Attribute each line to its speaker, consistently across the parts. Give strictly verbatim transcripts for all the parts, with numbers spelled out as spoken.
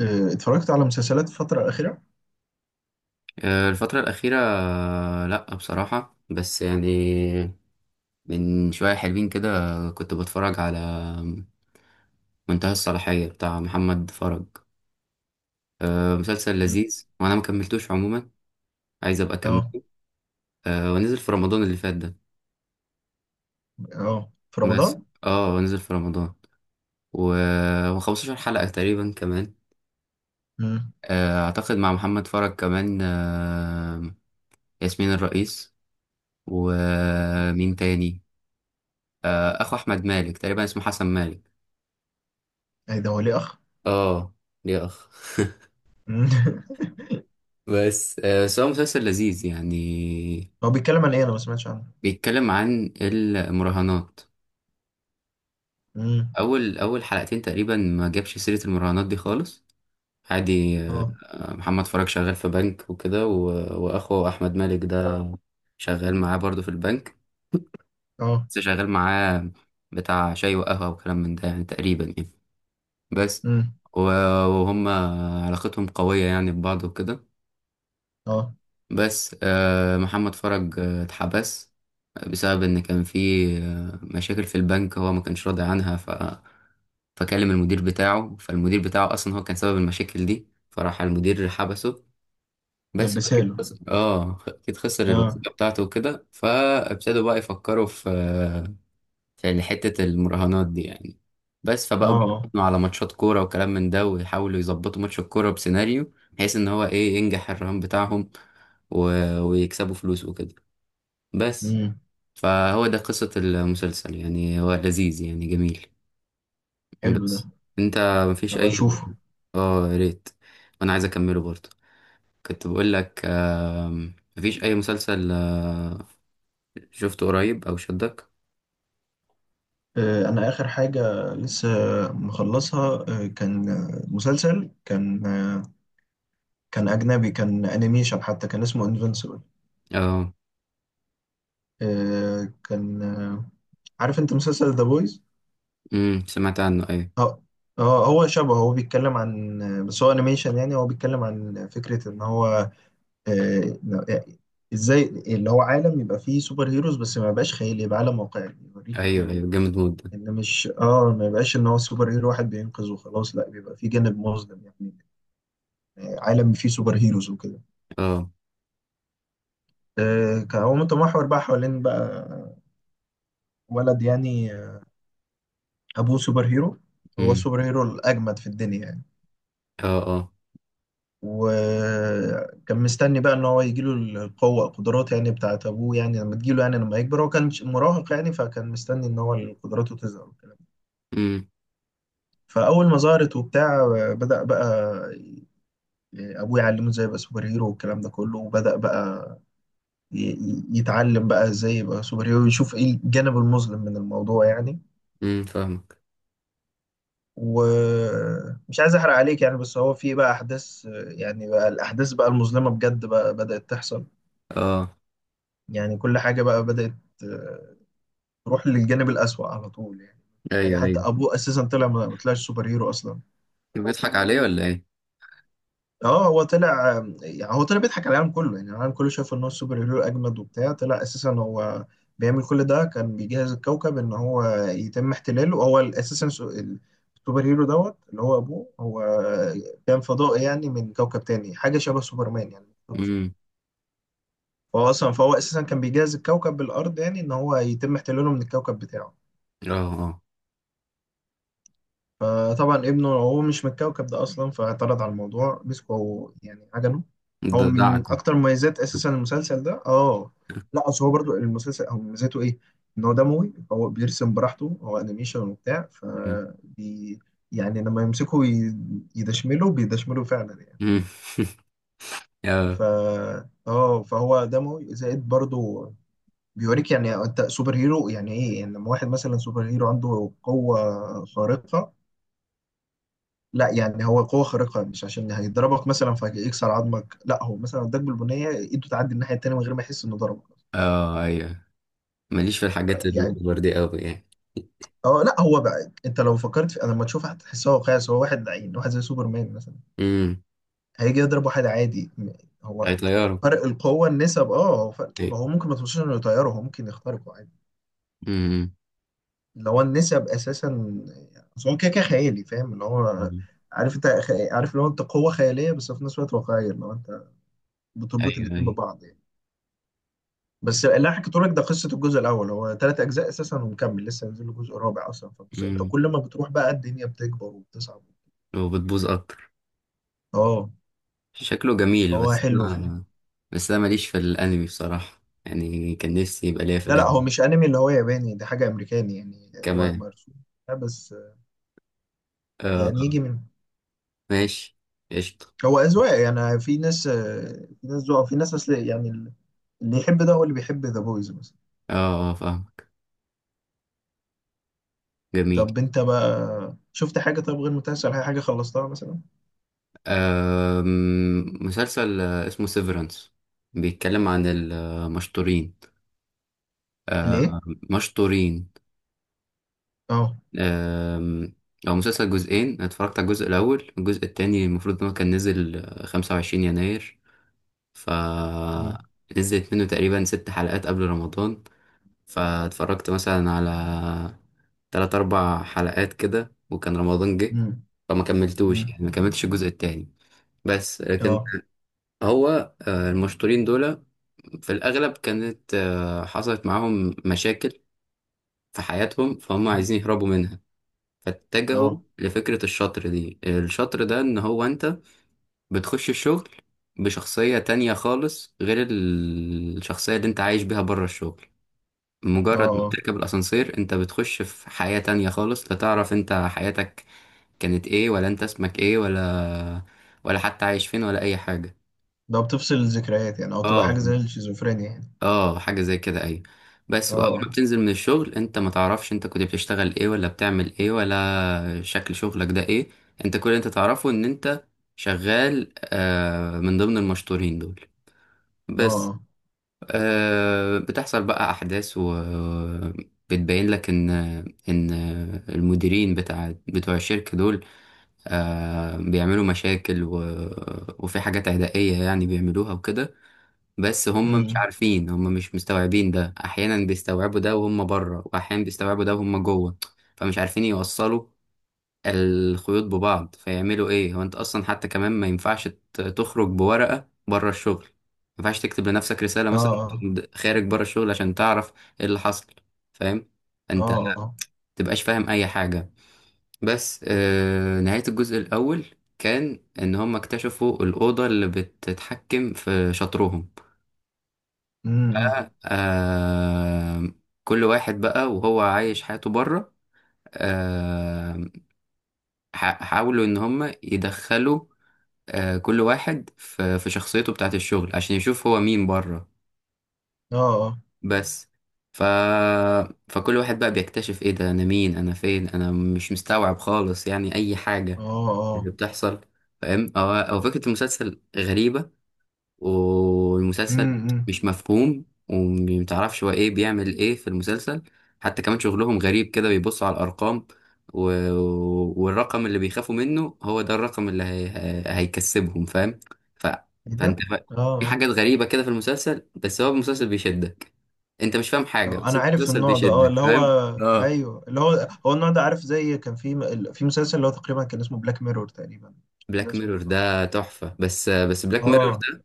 Speaker 1: آه، اتفرجت على مسلسلات الفترة الأخيرة؟
Speaker 2: آه، الفترة الأخيرة، آه، لأ بصراحة بس يعني من شوية حلوين كده. كنت بتفرج على منتهى الصلاحية بتاع محمد فرج. آه، مسلسل
Speaker 1: مم.
Speaker 2: لذيذ وأنا مكملتوش عموما، عايز أبقى
Speaker 1: اه،
Speaker 2: أكمله. آه، ونزل في رمضان اللي فات ده.
Speaker 1: اه، في
Speaker 2: بس
Speaker 1: رمضان؟
Speaker 2: اه، ونزل في رمضان و- وخمستاشر حلقة تقريبا كمان.
Speaker 1: امم.
Speaker 2: آه، أعتقد مع محمد فرج كمان، آه، ياسمين الرئيس ومين تاني؟ آه، أخو أحمد مالك تقريبا اسمه حسن مالك.
Speaker 1: ايه ده، هو ليه أخ؟
Speaker 2: اه، يا اخ
Speaker 1: مم.
Speaker 2: بس آه، بس هو مسلسل لذيذ يعني.
Speaker 1: هو بيتكلم عن إيه؟ أنا ما سمعتش عنه.
Speaker 2: بيتكلم عن المراهنات.
Speaker 1: امم.
Speaker 2: اول اول حلقتين تقريبا ما جابش سيرة المراهنات دي خالص. عادي، آه،
Speaker 1: اه.
Speaker 2: محمد فرج شغال في بنك وكده، و- واخوه احمد مالك ده شغال معاه برضه في البنك.
Speaker 1: اه.
Speaker 2: بس شغال معاه بتاع شاي وقهوة وكلام من ده يعني، تقريبا يعني. بس
Speaker 1: امم.
Speaker 2: و- وهم علاقتهم قوية يعني ببعض وكده.
Speaker 1: اه.
Speaker 2: بس آه، محمد فرج آه، اتحبس بسبب ان كان في مشاكل في البنك هو ما كانش راضي عنها. ف فكلم المدير بتاعه، فالمدير بتاعه اصلا هو كان سبب المشاكل دي، فراح المدير حبسه. بس اكيد
Speaker 1: لبساله.
Speaker 2: خسر، اه اكيد خسر
Speaker 1: اه.
Speaker 2: الوظيفه بتاعته وكده، فابتدوا بقى يفكروا في في حته المراهنات دي يعني. بس
Speaker 1: اه.
Speaker 2: فبقوا
Speaker 1: اه.
Speaker 2: بيراهنوا على ماتشات كوره وكلام من ده، ويحاولوا يظبطوا ماتش الكوره بسيناريو بحيث ان هو ايه ينجح الرهان بتاعهم و... ويكسبوا فلوس وكده. بس
Speaker 1: امم.
Speaker 2: فهو ده قصة المسلسل يعني، هو لذيذ يعني جميل.
Speaker 1: حلو ده.
Speaker 2: بس انت مفيش
Speaker 1: هبقى
Speaker 2: اي.
Speaker 1: أشوفه.
Speaker 2: اه يا ريت، وانا عايز اكمله برضه. كنت بقول لك، آم، مفيش اي مسلسل آه، شفته قريب او شدك؟
Speaker 1: آه، أنا آخر حاجة لسه مخلصها آه، كان آه، مسلسل، كان آه، كان أجنبي، كان أنيميشن حتى، كان اسمه انفنسبل.
Speaker 2: اه،
Speaker 1: كان آه، عارف أنت مسلسل ذا بويز؟
Speaker 2: امم سمعت عنه ايوه،
Speaker 1: اه. اه هو شبه، هو بيتكلم عن، بس هو انيميشن، يعني هو بيتكلم عن فكرة ان هو آه، ازاي اللي هو عالم يبقى فيه سوبر هيروز بس ما يبقاش خيالي، يبقى عالم واقعي يوريك
Speaker 2: ايوه ايوه جامد موت ده.
Speaker 1: ان مش اه ما يبقاش ان هو سوبر هيرو واحد بينقذ وخلاص، لا بيبقى فيه جانب مظلم يعني. آه، عالم فيه سوبر هيروز وكده.
Speaker 2: اه،
Speaker 1: آه، كان هو متمحور بقى حوالين بقى ولد، يعني آه، ابوه سوبر هيرو، هو
Speaker 2: امم.
Speaker 1: السوبر هيرو الاجمد في الدنيا يعني.
Speaker 2: اه اه.
Speaker 1: وكان مستني بقى ان هو يجيله القوه، القدرات يعني بتاعت ابوه يعني، لما تجيله يعني لما يكبر، هو كان مراهق يعني، فكان مستني ان هو قدراته تظهر والكلام ده.
Speaker 2: امم.
Speaker 1: فاول ما ظهرت وبتاع، بدأ بقى ابوه يعلمه ازاي يبقى سوبر هيرو والكلام ده كله، وبدأ بقى ي- ي- يتعلم بقى ازاي يبقى سوبر هيرو، يشوف ايه الجانب المظلم من الموضوع يعني.
Speaker 2: امم، فاهمك.
Speaker 1: ومش عايز احرق عليك يعني، بس هو في بقى احداث، يعني بقى الاحداث بقى المظلمه بجد بقى بدأت تحصل،
Speaker 2: اه،
Speaker 1: يعني كل حاجه بقى بدأت روح للجانب الأسوأ على طول يعني. مفيش حاجة،
Speaker 2: ايوه
Speaker 1: حتى
Speaker 2: ايوه.
Speaker 1: أبوه أساسا طلع ما ما طلعش سوبر هيرو أصلا.
Speaker 2: بيضحك عليه ولا ايه؟
Speaker 1: اه هو طلع، يعني هو طلع بيضحك على العالم كله يعني، العالم كله شاف ان هو السوبر هيرو اجمد وبتاع، طلع اساسا هو بيعمل كل ده كان بيجهز الكوكب ان هو يتم احتلاله. هو اساسا سو- السوبر هيرو دوت اللي هو ابوه، هو كان فضائي يعني من كوكب تاني، حاجه شبه سوبرمان يعني.
Speaker 2: امم.
Speaker 1: فهو اصلا، فهو اساسا كان بيجهز الكوكب بالارض يعني، ان هو يتم احتلاله من الكوكب بتاعه.
Speaker 2: اه اه.
Speaker 1: فطبعا ابنه هو مش من الكوكب ده اصلا، فاعترض على الموضوع، مسكه هو يعني عجنه. هو
Speaker 2: ده
Speaker 1: من
Speaker 2: دعكم.
Speaker 1: اكتر مميزات اساسا المسلسل ده اه. لا اصل هو برضو المسلسل هو مميزاته ايه، ان هو دموي، هو بيرسم براحته هو انيميشن وبتاع. ف
Speaker 2: امم
Speaker 1: بي يعني لما يمسكه ي- يدشمله، بيدشمله فعلا يعني.
Speaker 2: امم. اه
Speaker 1: ف اه فهو دموي زائد برضو، بيوريك يعني انت سوبر هيرو يعني ايه، يعني لما واحد مثلا سوبر هيرو عنده قوة خارقة. لا يعني هو قوة خارقة مش عشان هيضربك مثلا فيكسر عظمك، لا، هو مثلا اداك بالبنية ايده تعدي الناحية التانية من غير ما يحس انه ضربك
Speaker 2: اه. ايوه. ماليش في الحاجات
Speaker 1: يعني.
Speaker 2: الأوفر دي أوي يعني.
Speaker 1: اه لا هو بقى انت لو فكرت في، انا لما تشوف هتحسها واقعي، بس هو واحد لعين واحد زي سوبرمان مثلا
Speaker 2: امم.
Speaker 1: هيجي يضرب واحد عادي م- هو
Speaker 2: هيطيره.
Speaker 1: فرق القوة، النسب، اه هو فرق، ما هو
Speaker 2: أيوة.
Speaker 1: ممكن ما توصلش انه يطيره، هو ممكن يخترقه عادي.
Speaker 2: امم.
Speaker 1: اللي هو النسب اساسا. بس هو كده كده خيالي، فاهم اللي هو،
Speaker 2: أمم.
Speaker 1: عارف انت خ- عارف اللي هو انت قوة خيالية بس في نفس الوقت واقعية، اللي هو انت بتربط
Speaker 2: أيوه
Speaker 1: الاتنين
Speaker 2: أيوه.
Speaker 1: ببعض يعني. بس اللي انا حكيته لك ده قصه الجزء الاول. هو ثلاث اجزاء اساسا، ومكمل لسه هينزل له جزء رابع اصلا. فبص انت
Speaker 2: امم.
Speaker 1: كل ما بتروح بقى الدنيا بتكبر وبتصعب.
Speaker 2: وبتبوظ أكتر.
Speaker 1: اه.
Speaker 2: شكله جميل
Speaker 1: هو
Speaker 2: بس
Speaker 1: حلو في ال...
Speaker 2: أنا. بس أنا ماليش في الأنمي بصراحة يعني، كان نفسي يبقى ليا في
Speaker 1: لا لا هو
Speaker 2: الأنمي
Speaker 1: مش انمي اللي هو ياباني ده، حاجه امريكاني يعني، هو
Speaker 2: كمان.
Speaker 1: مرسوم. لا بس آه،
Speaker 2: آه
Speaker 1: يعني
Speaker 2: آه.
Speaker 1: يجي من،
Speaker 2: ماشي. قشطة.
Speaker 1: هو اذواق يعني، في ناس آه، في ناس ذوق في ناس اصل يعني، اللي يحب ده هو اللي بيحب ذا بويز مثلا.
Speaker 2: آه آه، فاهمك. جميل.
Speaker 1: طب انت بقى شفت حاجه؟ طب غير متاثر حاجه، حاجه خلصتها مثلا؟
Speaker 2: آم، مسلسل آه، اسمه سيفرنس، بيتكلم عن المشطورين. آه،
Speaker 1: الايه؟
Speaker 2: مشطورين.
Speaker 1: اه.
Speaker 2: آم، هو مسلسل جزئين، أنا اتفرجت على الجزء الأول. الجزء التاني المفروض إن هو كان نزل خمسة وعشرين يناير. ف
Speaker 1: مم.
Speaker 2: نزلت منه تقريبا ست حلقات قبل رمضان، فاتفرجت مثلا على تلات أربع حلقات كده، وكان رمضان جه،
Speaker 1: مم.
Speaker 2: فما كملتوش
Speaker 1: مم.
Speaker 2: يعني، ما كملتش الجزء التاني. بس لكن
Speaker 1: اه.
Speaker 2: هو آه، المشطورين دول في الأغلب كانت آه، حصلت معاهم مشاكل في حياتهم فهم
Speaker 1: مم.
Speaker 2: عايزين يهربوا منها. فاتجهوا
Speaker 1: اه.
Speaker 2: لفكرة الشطر دي، الشطر ده ان هو انت بتخش الشغل بشخصية تانية خالص غير ال- الشخصية اللي انت عايش بيها بره الشغل.
Speaker 1: اه
Speaker 2: مجرد ما
Speaker 1: اه.
Speaker 2: بتركب الاسانسير انت بتخش في حياة تانية خالص، لا تعرف انت حياتك كانت ايه، ولا انت اسمك ايه، ولا ولا حتى عايش فين، ولا اي حاجة.
Speaker 1: ده بتفصل الذكريات يعني، او تبقى
Speaker 2: اه
Speaker 1: حاجه زي الشيزوفرينيا يعني؟
Speaker 2: اه، حاجة زي كده ايوه. بس واول
Speaker 1: اه.
Speaker 2: ما بتنزل من الشغل انت ما تعرفش انت كنت بتشتغل ايه، ولا بتعمل ايه، ولا شكل شغلك ده ايه. انت كل اللي انت تعرفه ان انت شغال آه من ضمن المشطورين دول بس.
Speaker 1: اه.
Speaker 2: آه، بتحصل بقى احداث و بتبين لك ان ان المديرين بتاع بتوع الشركة دول آه بيعملوا مشاكل و... وفي حاجات عدائية يعني بيعملوها وكده. بس هم مش
Speaker 1: امم.
Speaker 2: عارفين، هم مش مستوعبين ده، احيانا بيستوعبوا ده وهم بره واحيانا بيستوعبوا ده وهم جوه. فمش عارفين يوصلوا الخيوط ببعض، فيعملوا ايه. هو انت اصلا حتى كمان ما ينفعش ت- تخرج بورقة بره الشغل، ما ينفعش تكتب لنفسك رسالة مثلا
Speaker 1: اه.
Speaker 2: وأنت خارج بره الشغل عشان تعرف ايه اللي حصل. فاهم؟ انت ما
Speaker 1: اه.
Speaker 2: تبقاش فاهم اي حاجة. بس آه نهاية الجزء الاول كان ان هم اكتشفوا الأوضة اللي بتتحكم في شطرهم.
Speaker 1: امم.
Speaker 2: بقى آه، كل واحد بقى وهو عايش حياته بره آه ح- حاولوا ان هم يدخلوا آه كل واحد في, في شخصيته بتاعت الشغل عشان يشوف هو مين بره.
Speaker 1: اه. اه.
Speaker 2: بس ف... فكل واحد بقى بيكتشف ايه ده، انا مين، انا فين، انا مش مستوعب خالص يعني اي حاجة
Speaker 1: اه.
Speaker 2: اللي بتحصل. فاهم؟ هو هو فكرة المسلسل غريبة. والمسلسل
Speaker 1: امم.
Speaker 2: مش مفهوم، ومتعرفش هو ايه بيعمل ايه في المسلسل. حتى كمان شغلهم غريب كده، بيبصوا على الارقام و... والرقم اللي بيخافوا منه هو ده الرقم اللي هي... هي- هيكسبهم. فاهم؟ ف...
Speaker 1: ايه
Speaker 2: فانت
Speaker 1: ده!
Speaker 2: بقى في
Speaker 1: اه.
Speaker 2: حاجات غريبة كده في المسلسل، بس هو المسلسل بيشدك. انت مش فاهم حاجة
Speaker 1: آه.
Speaker 2: بس
Speaker 1: انا
Speaker 2: انت
Speaker 1: عارف
Speaker 2: المسلسل
Speaker 1: النوع ده اه
Speaker 2: بيشدك.
Speaker 1: اللي هو،
Speaker 2: فاهم؟ اه،
Speaker 1: ايوه اللي هو، هو النوع ده، عارف زي كان في م- في مسلسل اللي هو تقريبا كان اسمه بلاك ميرور تقريبا. ده
Speaker 2: بلاك
Speaker 1: اسمه
Speaker 2: ميرور
Speaker 1: بالظبط.
Speaker 2: ده تحفة. بس بس
Speaker 1: اه
Speaker 2: بلاك ميرور
Speaker 1: اه.
Speaker 2: ده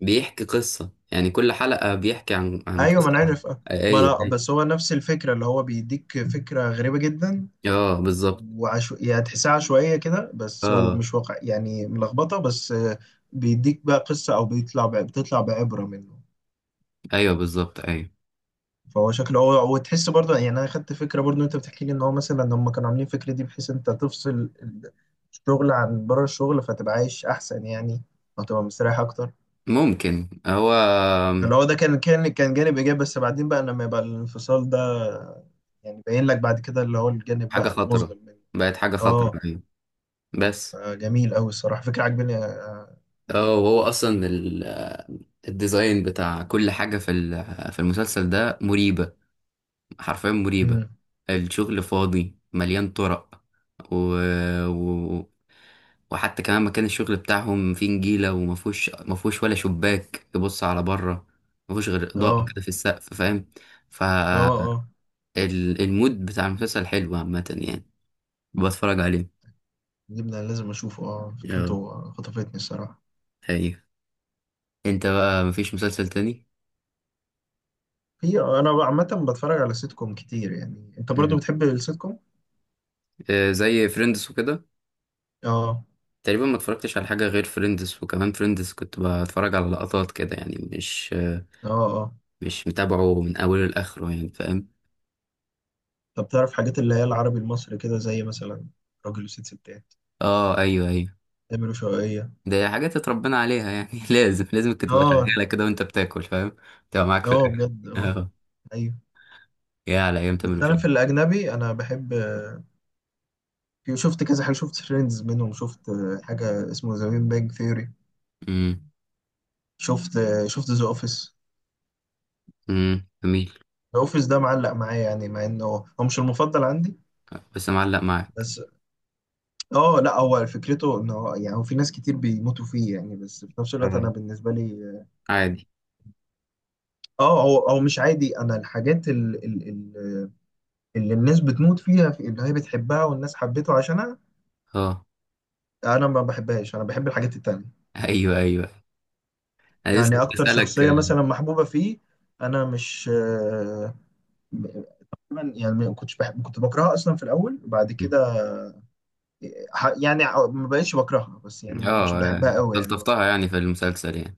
Speaker 2: بيحكي قصة يعني، كل حلقة بيحكي عن عن
Speaker 1: ايوه ما انا
Speaker 2: قصة
Speaker 1: عارف آه. ما
Speaker 2: حقيقية.
Speaker 1: انا بس هو نفس الفكره، اللي هو بيديك فكره غريبه جدا،
Speaker 2: اه بالظبط.
Speaker 1: وعشو... يعني تحسها عشوائية كده بس،
Speaker 2: اه
Speaker 1: ومش واقع يعني، ملخبطة بس آه، بيديك بقى قصة، أو بيطلع ب... بتطلع بعبرة منه.
Speaker 2: ايوه بالظبط ايوه.
Speaker 1: فهو شكله، هو وتحس برضه يعني، أنا خدت فكرة برضه. أنت بتحكي لي إن هو مثلا هم كانوا عاملين فكرة دي بحيث أنت تفصل الشغل عن بره الشغل، فتبقى عايش أحسن يعني، وتبقى مستريح أكتر.
Speaker 2: ممكن هو
Speaker 1: اللي هو ده كان كان كان جانب إيجابي، بس بعدين بقى لما يبقى الانفصال ده يعني باين لك بعد كده، اللي هو الجانب
Speaker 2: حاجة
Speaker 1: بقى
Speaker 2: خطرة،
Speaker 1: المظلم منه.
Speaker 2: بقت حاجة خطرة
Speaker 1: اه.
Speaker 2: ايوه. بس
Speaker 1: آه، جميل أوي الصراحة، فكرة عجباني آه،
Speaker 2: اه. وهو اصلا ال- الديزاين بتاع كل حاجة في ال- في المسلسل ده مريبة، حرفيا مريبة.
Speaker 1: امم.
Speaker 2: الشغل فاضي مليان طرق و... و... وحتى كمان مكان الشغل بتاعهم فيه نجيلة، ومفهوش مفهوش ولا شباك يبص على بره، مفهوش غير إضاءة
Speaker 1: اه.
Speaker 2: كده في السقف. فاهم؟ ف
Speaker 1: اه. اه.
Speaker 2: ال- المود بتاع المسلسل حلو عامة يعني، بتفرج عليه.
Speaker 1: جبنا، لازم اشوفه، اه
Speaker 2: اه
Speaker 1: فكرته خطفتني الصراحه.
Speaker 2: حقيقة. انت بقى مفيش مسلسل تاني؟
Speaker 1: هي انا عامه بتفرج على سيت كوم كتير، يعني انت برضو
Speaker 2: مم.
Speaker 1: بتحب السيت كوم؟
Speaker 2: آه، زي فريندز وكده.
Speaker 1: اه.
Speaker 2: تقريبا ما اتفرجتش على حاجة غير فريندز. وكمان فريندز كنت بتفرج على لقطات كده يعني، مش آه،
Speaker 1: اه. اه.
Speaker 2: مش متابعه من أوله لآخره يعني. فاهم؟
Speaker 1: طب تعرف حاجات اللي هي العربي المصري كده، زي مثلا راجل وست ستات،
Speaker 2: اه ايوه ايوه.
Speaker 1: تامر وشوقية.
Speaker 2: ده حاجات اتربينا عليها يعني لازم لازم كنت تبقى
Speaker 1: اه
Speaker 2: شغالة كده وانت بتاكل. فاهم؟ تبقى معاك في
Speaker 1: اه
Speaker 2: الأكل.
Speaker 1: بجد اه.
Speaker 2: اه.
Speaker 1: ايوه.
Speaker 2: يا على أيام تامر
Speaker 1: بس انا في
Speaker 2: وشوقي.
Speaker 1: الاجنبي انا بحب، في- شفت كذا حاجه، شفت فريندز منهم، شفت حاجه اسمه ذا بيج ثيوري،
Speaker 2: امم،
Speaker 1: شفت، شفت ذا اوفيس.
Speaker 2: امم جميل.
Speaker 1: الاوفيس ده معلق معايا يعني، مع انه هو مش المفضل عندي،
Speaker 2: بس معلق معاك.
Speaker 1: بس اه. لا هو فكرته انه هو- يعني هو في ناس كتير بيموتوا فيه يعني، بس في نفس الوقت انا
Speaker 2: آه.
Speaker 1: بالنسبه لي،
Speaker 2: عادي.
Speaker 1: اه هو هو مش عادي. انا الحاجات ال- ال- ال- اللي الناس بتموت فيها في، اللي هي بتحبها والناس حبته عشانها،
Speaker 2: اه
Speaker 1: انا ما بحبهاش، انا بحب الحاجات التانية.
Speaker 2: ايوه ايوه. انا لسه
Speaker 1: يعني
Speaker 2: كنت
Speaker 1: اكتر
Speaker 2: بسألك
Speaker 1: شخصيه
Speaker 2: اه.
Speaker 1: مثلا محبوبه فيه، انا مش آه، تقريباً يعني ما كنتش بحب، كنت بكرهها اصلا في الاول، وبعد كده ح- يعني ع- ما بقتش بكرهها بس، يعني ما كنتش
Speaker 2: آه،
Speaker 1: بحبها قوي يعني.
Speaker 2: استلطفتها يعني في المسلسل يعني.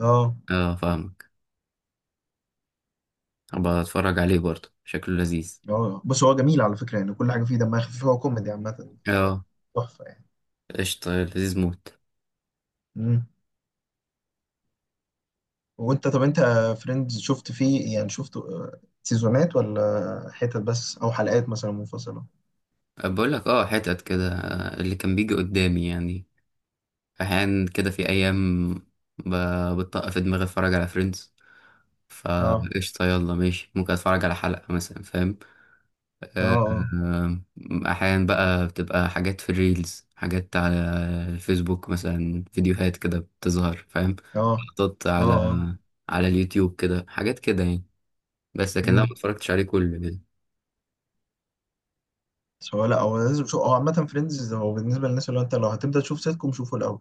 Speaker 1: اه.
Speaker 2: اه، فاهمك. ابقى اتفرج عليه برضه، شكله لذيذ.
Speaker 1: اه. بس هو جميل على فكرة يعني، كل حاجة فيه دمها خفيف، هو كوميدي عامة،
Speaker 2: اه
Speaker 1: تحفة يعني.
Speaker 2: قشطة لذيذ موت.
Speaker 1: مم. وانت طب انت فريندز شفت فيه يعني، شفت آه، سيزونات ولا حتت بس، او حلقات مثلا منفصلة؟
Speaker 2: آه، بقول لك اه، حتت كده آه، اللي كان بيجي قدامي يعني. احيانا كده في ايام ب- بتطق في دماغي اتفرج على فريندز،
Speaker 1: اه.
Speaker 2: فقشطة يلا ماشي، ممكن اتفرج على حلقة مثلا. فاهم؟ آه،
Speaker 1: اه.
Speaker 2: آه، أحيانا بقى بتبقى حاجات في الريلز، حاجات على الفيسبوك مثلا، فيديوهات كده بتظهر. فاهم؟
Speaker 1: اه. اه.
Speaker 2: لقطات
Speaker 1: اه.
Speaker 2: على
Speaker 1: اه.
Speaker 2: على اليوتيوب كده، حاجات كده يعني. بس لكن لا، ما
Speaker 1: امم.
Speaker 2: اتفرجتش عليه كله كده.
Speaker 1: بس هو، لا هو لازم شو، هو عامة فريندز هو بالنسبة للناس اللي هو انت لو هتبدأ تشوف سيت كوم شوفه الأول،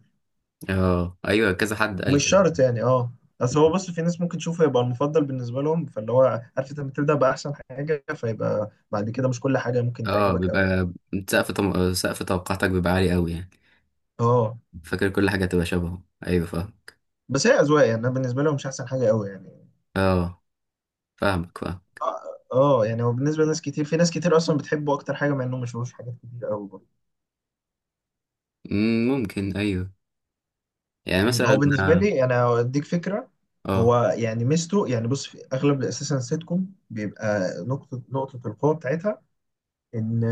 Speaker 2: اه ايوه كذا حد قال
Speaker 1: ومش
Speaker 2: كده.
Speaker 1: شرط يعني اه. بس هو بص، في ناس ممكن تشوفه يبقى المفضل بالنسبة لهم، فاللي هو عارف انت بتبدأ بأحسن حاجة، فيبقى بعد كده مش كل حاجة ممكن
Speaker 2: اه
Speaker 1: تعجبك قوي يعني.
Speaker 2: بيبقى سقف طم... سقف توقعاتك بيبقى عالي قوي يعني.
Speaker 1: اه.
Speaker 2: فاكر كل حاجة تبقى شبهه، ايوه فاهمك.
Speaker 1: بس هي اذواق يعني، انا بالنسبه لهم مش احسن حاجه قوي يعني.
Speaker 2: اه فاهمك فاهم.
Speaker 1: اه. آه، يعني هو بالنسبه لناس كتير، في ناس كتير اصلا بتحبه اكتر حاجه، مع انهم ما شافوش حاجات كتير قوي برضه.
Speaker 2: مم، ممكن ايوه. يعني
Speaker 1: هو
Speaker 2: مثلا
Speaker 1: بالنسبه
Speaker 2: اه.
Speaker 1: لي انا اديك فكره،
Speaker 2: آه،
Speaker 1: هو يعني ميزته، يعني بص في اغلب اساسا السيت كوم بيبقى نقطه، نقطه القوه بتاعتها ان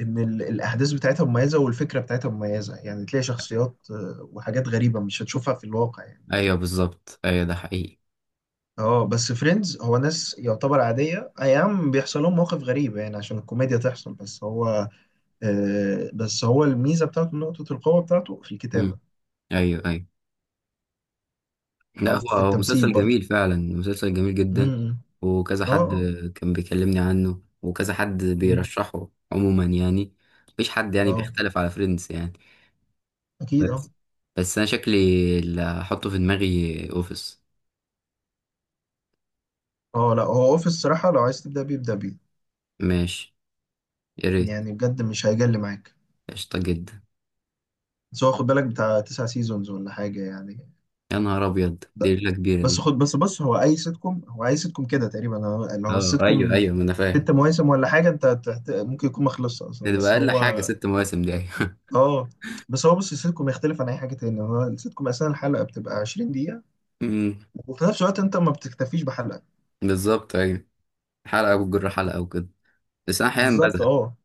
Speaker 1: ان ال- الاحداث بتاعتها مميزه والفكره بتاعتها مميزه، يعني تلاقي شخصيات آه، وحاجات غريبه مش هتشوفها في الواقع يعني.
Speaker 2: ايوه بالظبط ايوه ده حقيقي.
Speaker 1: اه بس فريندز هو ناس يعتبر عاديه، اي نعم بيحصل لهم مواقف غريبه يعني عشان الكوميديا تحصل، بس هو آه، بس هو الميزة بتاعته، نقطة القوة بتاعته في
Speaker 2: مم،
Speaker 1: الكتابة،
Speaker 2: ايوه ايوه. لا
Speaker 1: أو
Speaker 2: هو
Speaker 1: في
Speaker 2: هو
Speaker 1: التمثيل
Speaker 2: مسلسل
Speaker 1: برضه.
Speaker 2: جميل فعلا، مسلسل جميل جدا.
Speaker 1: امم.
Speaker 2: وكذا
Speaker 1: اه.
Speaker 2: حد
Speaker 1: اه.
Speaker 2: كان بيكلمني عنه، وكذا حد
Speaker 1: مم.
Speaker 2: بيرشحه عموما يعني. مفيش حد يعني
Speaker 1: اه.
Speaker 2: بيختلف على فريندز يعني.
Speaker 1: اكيد
Speaker 2: بس،
Speaker 1: اه.
Speaker 2: بس انا شكلي اللي هحطه في دماغي اوفيس.
Speaker 1: اه لا هو اوفيس الصراحة لو عايز تبدأ بيه ابدأ بيه.
Speaker 2: ماشي. يا ريت.
Speaker 1: يعني بجد مش هيجل معاك.
Speaker 2: قشطة جدا.
Speaker 1: بس هو خد بالك بتاع تسع سيزونز ولا حاجة يعني.
Speaker 2: يا نهار ابيض، دي
Speaker 1: ده.
Speaker 2: ليلة كبيرة
Speaker 1: بس
Speaker 2: دي.
Speaker 1: خد، بس بص، هو اي سيت كوم، هو اي سيت كوم كده تقريبا هو- لو
Speaker 2: اه
Speaker 1: السيت
Speaker 2: ايوه
Speaker 1: كوم
Speaker 2: ايوه، ما انا فاهم.
Speaker 1: ست مواسم ولا حاجة انت تحت... ممكن يكون ما خلصش اصلا
Speaker 2: ده تبقى
Speaker 1: بس
Speaker 2: اقل حاجة
Speaker 1: هو
Speaker 2: ست مواسم دي، ايوه
Speaker 1: اه. بس هو بص، السيت كوم يختلف عن اي حاجة تانية، هو السيت كوم اصلا الحلقة بتبقى عشرين،
Speaker 2: أمم،
Speaker 1: وفي نفس الوقت انت ما بتكتفيش بحلقه.
Speaker 2: بالظبط ايوه. حلقة وجر حلقة وكده. بس انا احيانا
Speaker 1: بالظبط
Speaker 2: بزهق.
Speaker 1: اه.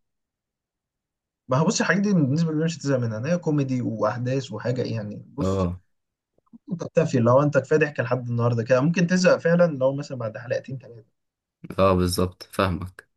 Speaker 1: ما هو بص الحاجات دي بالنسبه لي مش هتزهق منها، إن هي كوميدي واحداث وحاجه يعني. بص
Speaker 2: اه
Speaker 1: انت بتكتفي لو انت كفايه ضحك لحد النهارده كده، ممكن تزهق فعلا لو مثلا بعد حلقتين ثلاثه.
Speaker 2: اه بالظبط فاهمك.